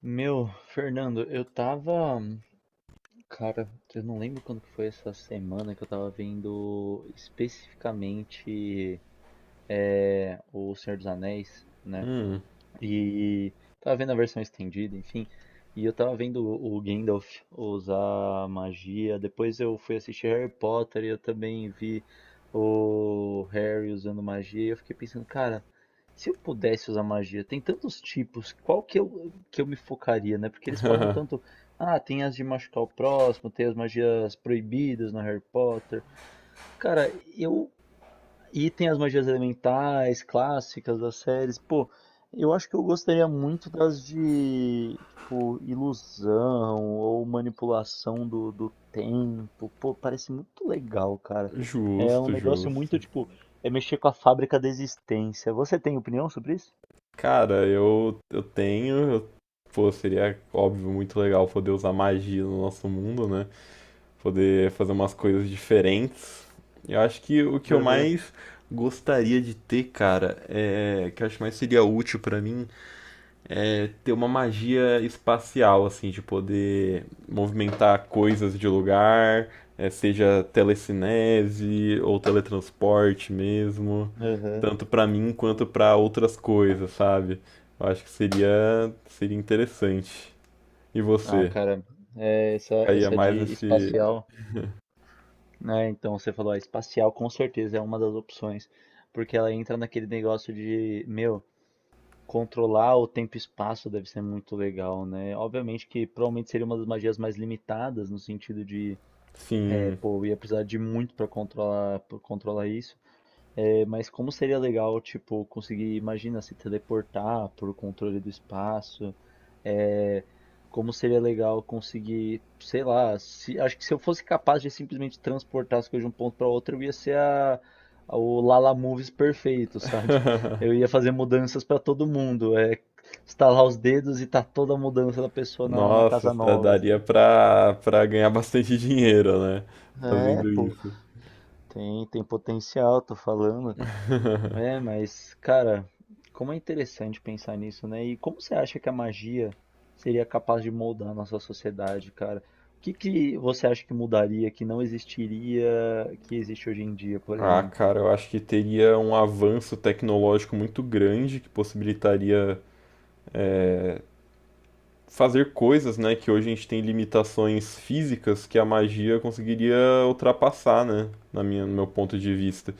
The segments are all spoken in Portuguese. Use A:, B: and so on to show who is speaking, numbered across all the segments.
A: Meu, Fernando, eu tava. Cara, eu não lembro quando que foi essa semana que eu tava vendo especificamente O Senhor dos Anéis, né?
B: Hum.
A: E tava vendo a versão estendida, enfim. E eu tava vendo o Gandalf usar magia. Depois eu fui assistir Harry Potter e eu também vi o Harry usando magia. E eu fiquei pensando, cara, se eu pudesse usar magia, tem tantos tipos, que eu me focaria, né? Porque eles falam tanto, ah, tem as de machucar o próximo, tem as magias proibidas no Harry Potter. Cara, eu e tem as magias elementais clássicas das séries. Pô, eu acho que eu gostaria muito das de, tipo, ilusão ou manipulação do tempo. Pô, parece muito legal, cara. É um
B: Justo,
A: negócio
B: justo.
A: muito, tipo, é mexer com a fábrica da existência. Você tem opinião sobre isso?
B: Cara, eu tenho. Pô, seria, óbvio, muito legal poder usar magia no nosso mundo, né? Poder fazer umas coisas diferentes. Eu acho que o que eu
A: Aham,
B: mais gostaria de ter, cara, é. Que eu acho que mais seria útil pra mim ter uma magia espacial, assim, de poder movimentar coisas de lugar, seja telecinese ou teletransporte mesmo,
A: aham.
B: tanto pra mim quanto pra outras coisas, sabe? Eu acho que seria interessante. E
A: Ah,
B: você?
A: cara, é essa,
B: Caía
A: essa
B: mais
A: de
B: nesse.
A: espacial, né? Então você falou, ah, espacial com certeza é uma das opções, porque ela entra naquele negócio de, meu. Controlar o tempo e espaço deve ser muito legal, né? Obviamente que provavelmente seria uma das magias mais limitadas, no sentido de,
B: Sim.
A: pô, eu ia precisar de muito pra controlar isso. É, mas como seria legal, tipo, conseguir, imagina, se teleportar por controle do espaço. é, Como seria legal conseguir, sei lá, acho que se eu fosse capaz de simplesmente transportar as coisas de um ponto para outro, eu ia ser o Lala Moves perfeito, sabe? Eu ia fazer mudanças para todo mundo, é, estalar os dedos e tá toda a mudança da pessoa na
B: Nossa,
A: casa nova.
B: daria
A: Sabe?
B: pra ganhar bastante dinheiro, né?
A: É,
B: Fazendo
A: pô,
B: isso.
A: tem, tem potencial, tô falando. É, mas, cara, como é interessante pensar nisso, né? E como você acha que a magia seria capaz de moldar a nossa sociedade, cara? O que que você acha que mudaria, que não existiria, que existe hoje em dia, por
B: Ah,
A: exemplo?
B: cara, eu acho que teria um avanço tecnológico muito grande que possibilitaria fazer coisas, né, que hoje a gente tem limitações físicas que a magia conseguiria ultrapassar, né, na no meu ponto de vista.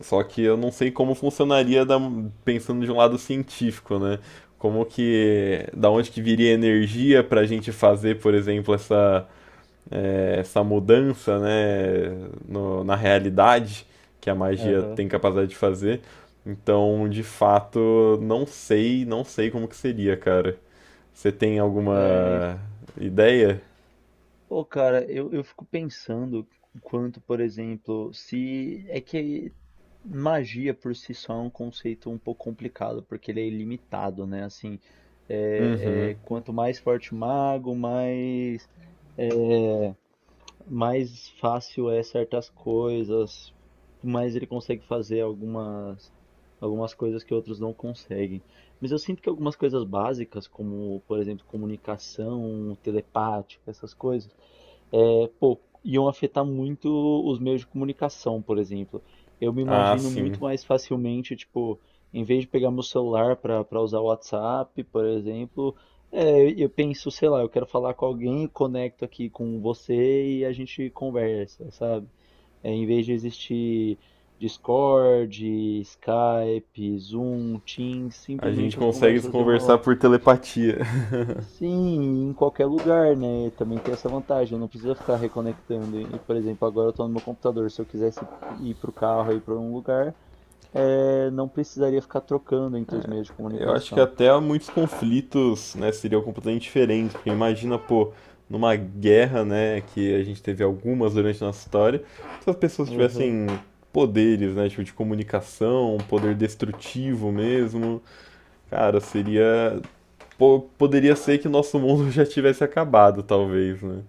B: Só que eu não sei como pensando de um lado científico, né? Como que, da onde que viria energia para a gente fazer, por exemplo, essa essa mudança, né, na realidade que a magia
A: Aham.
B: tem capacidade de fazer. Então, de fato, não sei como que seria, cara. Você tem
A: É,
B: alguma ideia?
A: pô, cara, eu fico pensando o quanto, por exemplo, se é que magia por si só é um conceito um pouco complicado, porque ele é ilimitado, né? Assim,
B: Uhum.
A: quanto mais forte o mago, mais fácil é certas coisas, mas ele consegue fazer algumas, algumas coisas que outros não conseguem. Mas eu sinto que algumas coisas básicas, como, por exemplo, comunicação telepática, essas coisas, é, pô, iam afetar muito os meios de comunicação, por exemplo. Eu me
B: Ah,
A: imagino
B: sim.
A: muito mais facilmente, tipo, em vez de pegar meu celular para usar o WhatsApp, por exemplo, é, eu penso, sei lá, eu quero falar com alguém, conecto aqui com você e a gente conversa, sabe? É, em vez de existir Discord, Skype, Zoom, Teams,
B: A gente
A: simplesmente as
B: consegue se
A: conversas iam
B: conversar
A: rolar.
B: por telepatia.
A: Sim, em qualquer lugar, né? Também tem essa vantagem, eu não preciso ficar reconectando. E, por exemplo, agora eu estou no meu computador. Se eu quisesse ir para o carro, ir para um lugar, não precisaria ficar trocando entre os meios de
B: Eu acho que
A: comunicação.
B: até muitos conflitos, né, seriam completamente diferentes, porque imagina, pô, numa guerra, né, que a gente teve algumas durante a nossa história, se as pessoas
A: Uhum,
B: tivessem poderes, né, tipo de comunicação, um poder destrutivo mesmo, cara, poderia ser que o nosso mundo já tivesse acabado, talvez, né?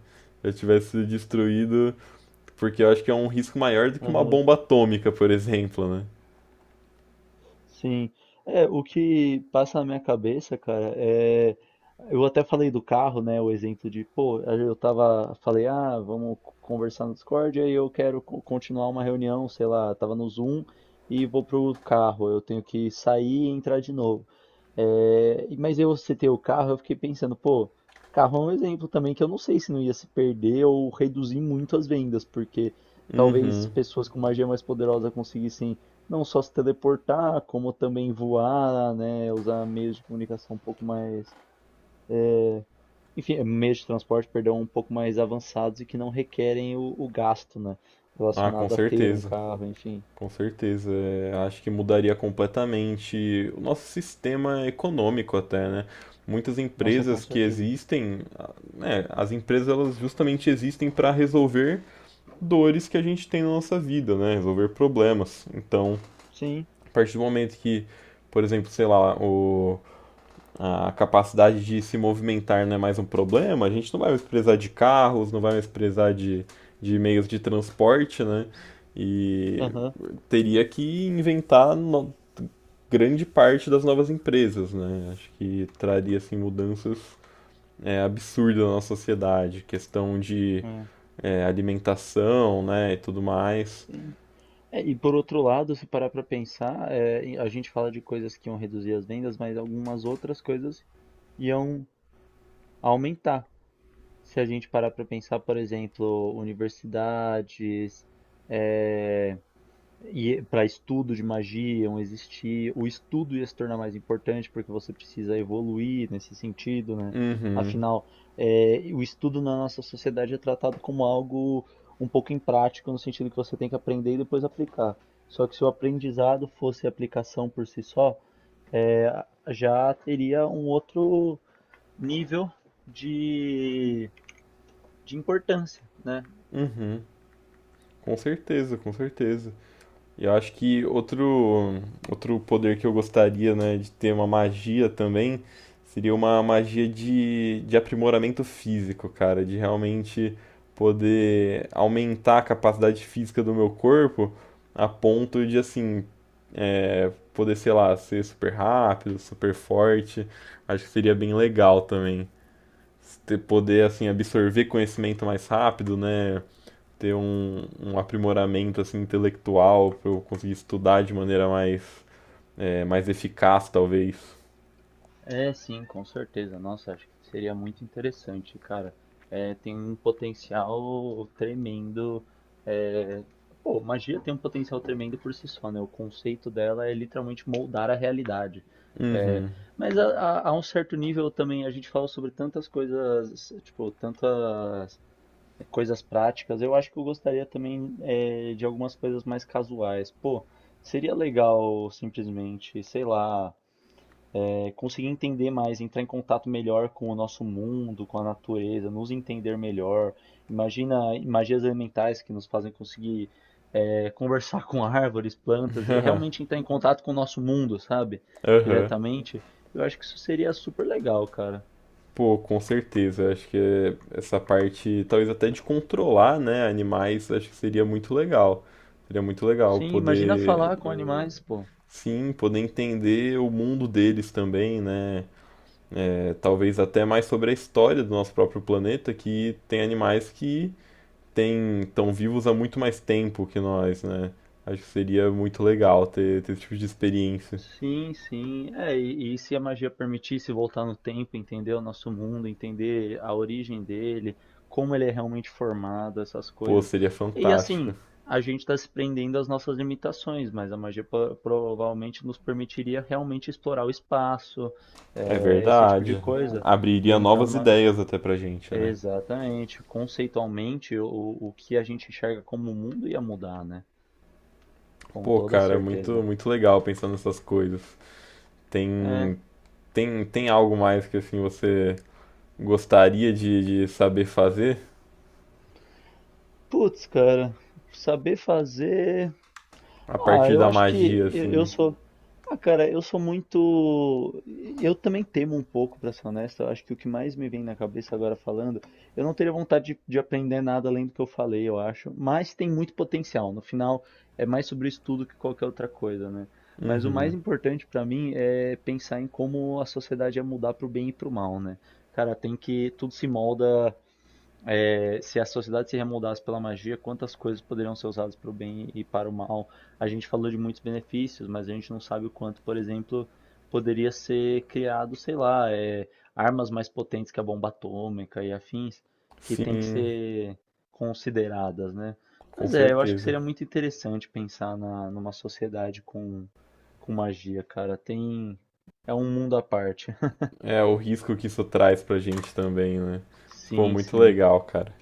B: Já tivesse sido destruído, porque eu acho que é um risco maior do que uma
A: uhum.
B: bomba atômica, por exemplo, né?
A: Sim. É, o que passa na minha cabeça, cara, é. Eu até falei do carro, né? O exemplo de, pô, eu tava. Falei, ah, vamos conversar no Discord, aí eu quero continuar uma reunião, sei lá, tava no Zoom e vou pro carro. Eu tenho que sair e entrar de novo. É, mas eu citei o carro, eu fiquei pensando, pô, carro é um exemplo também que eu não sei se não ia se perder ou reduzir muito as vendas, porque talvez
B: Uhum.
A: pessoas com magia mais poderosa conseguissem não só se teleportar, como também voar, né? Usar meios de comunicação um pouco mais. Enfim, meios de transporte, perdão, um pouco mais avançados e que não requerem o gasto, né?
B: Ah, com
A: Relacionado a ter um
B: certeza.
A: carro, enfim.
B: Com certeza, é, acho que mudaria completamente o nosso sistema econômico até, né? Muitas
A: Nossa, com
B: empresas que
A: certeza.
B: existem, né, as empresas elas justamente existem para resolver dores que a gente tem na nossa vida, né? Resolver problemas. Então,
A: Sim,
B: a partir do momento que, por exemplo, sei lá, a capacidade de se movimentar não é mais um problema, a gente não vai mais precisar de carros, não vai mais precisar de meios de transporte, né? E
A: aham,
B: teria que inventar no- grande parte das novas empresas, né? Acho que traria assim mudanças absurdas na nossa sociedade, questão de
A: é,
B: alimentação, né, e tudo mais.
A: sim. É, e por outro lado, se parar para pensar, é, a gente fala de coisas que iam reduzir as vendas, mas algumas outras coisas iam aumentar. Se a gente parar para pensar, por exemplo, universidades, é, e para estudo de magia iam existir, o estudo ia se tornar mais importante porque você precisa evoluir nesse sentido, né?
B: Uhum,
A: Afinal, é, o estudo na nossa sociedade é tratado como algo um pouco imprático, no sentido que você tem que aprender e depois aplicar. Só que se o aprendizado fosse aplicação por si só, é, já teria um outro nível de, de importância, né?
B: uhum, com certeza, com certeza. E eu acho que outro poder que eu gostaria, né, de ter uma magia também, seria uma magia de aprimoramento físico, cara, de realmente poder aumentar a capacidade física do meu corpo a ponto de, assim, poder, sei lá, ser super rápido, super forte. Acho que seria bem legal também. Poder, assim, absorver conhecimento mais rápido, né? Ter um, um aprimoramento assim, intelectual, para eu conseguir estudar de maneira mais eficaz, talvez.
A: É, sim, com certeza. Nossa, acho que seria muito interessante, cara. É, tem um potencial tremendo. é, Pô, magia tem um potencial tremendo por si só, né? O conceito dela é literalmente moldar a realidade. É,
B: Uhum.
A: Mas a um certo nível também a gente fala sobre tantas coisas, tipo, tantas coisas práticas. Eu acho que eu gostaria também de algumas coisas mais casuais. Pô, seria legal simplesmente, sei lá, é, conseguir entender mais, entrar em contato melhor com o nosso mundo, com a natureza, nos entender melhor. Imagina magias elementais que nos fazem conseguir é, conversar com árvores, plantas, e realmente entrar em contato com o nosso mundo, sabe?
B: Aham.
A: Diretamente. Eu acho que isso seria super legal, cara.
B: Pô, com certeza. Acho que é, essa parte, talvez até de controlar, né, animais, acho que seria muito legal. Seria muito legal
A: Sim, imagina
B: poder,
A: falar com animais, pô.
B: sim, poder entender o mundo deles também, né? É, talvez até mais sobre a história do nosso próprio planeta, que tem animais que têm, estão vivos há muito mais tempo que nós, né? Acho que seria muito legal ter esse tipo de experiência.
A: Sim, sim. É, e se a magia permitisse voltar no tempo, entender o nosso mundo, entender a origem dele, como ele é realmente formado, essas
B: Pô,
A: coisas.
B: seria
A: E
B: fantástico.
A: assim, a gente está se prendendo às nossas limitações, mas a magia provavelmente nos permitiria realmente explorar o espaço,
B: É
A: é, esse tipo de é,
B: verdade.
A: coisa, e
B: Abriria
A: entrar
B: novas
A: numa.
B: ideias até pra gente, né?
A: Exatamente. Conceitualmente, o que a gente enxerga como mundo ia mudar, né? Com
B: Pô,
A: toda
B: cara, muito,
A: certeza.
B: muito legal pensar nessas coisas. Tem,
A: É.
B: tem algo mais que assim você gostaria de saber fazer
A: Putz, cara, saber fazer.
B: a
A: Ah,
B: partir
A: eu
B: da
A: acho que
B: magia,
A: eu
B: assim?
A: sou. Ah, cara, eu sou muito. Eu também temo um pouco, pra ser honesto. Eu acho que o que mais me vem na cabeça agora falando, eu não teria vontade de aprender nada além do que eu falei, eu acho. Mas tem muito potencial. No final, é mais sobre isso tudo que qualquer outra coisa, né? Mas o mais
B: Uhum.
A: importante pra mim é pensar em como a sociedade ia mudar pro bem e pro mal, né? Cara, tem que tudo se molda é, se a sociedade se remoldasse pela magia, quantas coisas poderiam ser usadas para o bem e para o mal? A gente falou de muitos benefícios, mas a gente não sabe o quanto, por exemplo, poderia ser criado, sei lá, é, armas mais potentes que a bomba atômica e afins, que tem que
B: Sim,
A: ser consideradas, né?
B: com
A: Mas é, eu acho que
B: certeza.
A: seria muito interessante pensar numa sociedade com magia, cara. Tem, é um mundo à parte.
B: É, o risco que isso traz pra gente também, né? Pô,
A: Sim,
B: muito
A: sim.
B: legal, cara.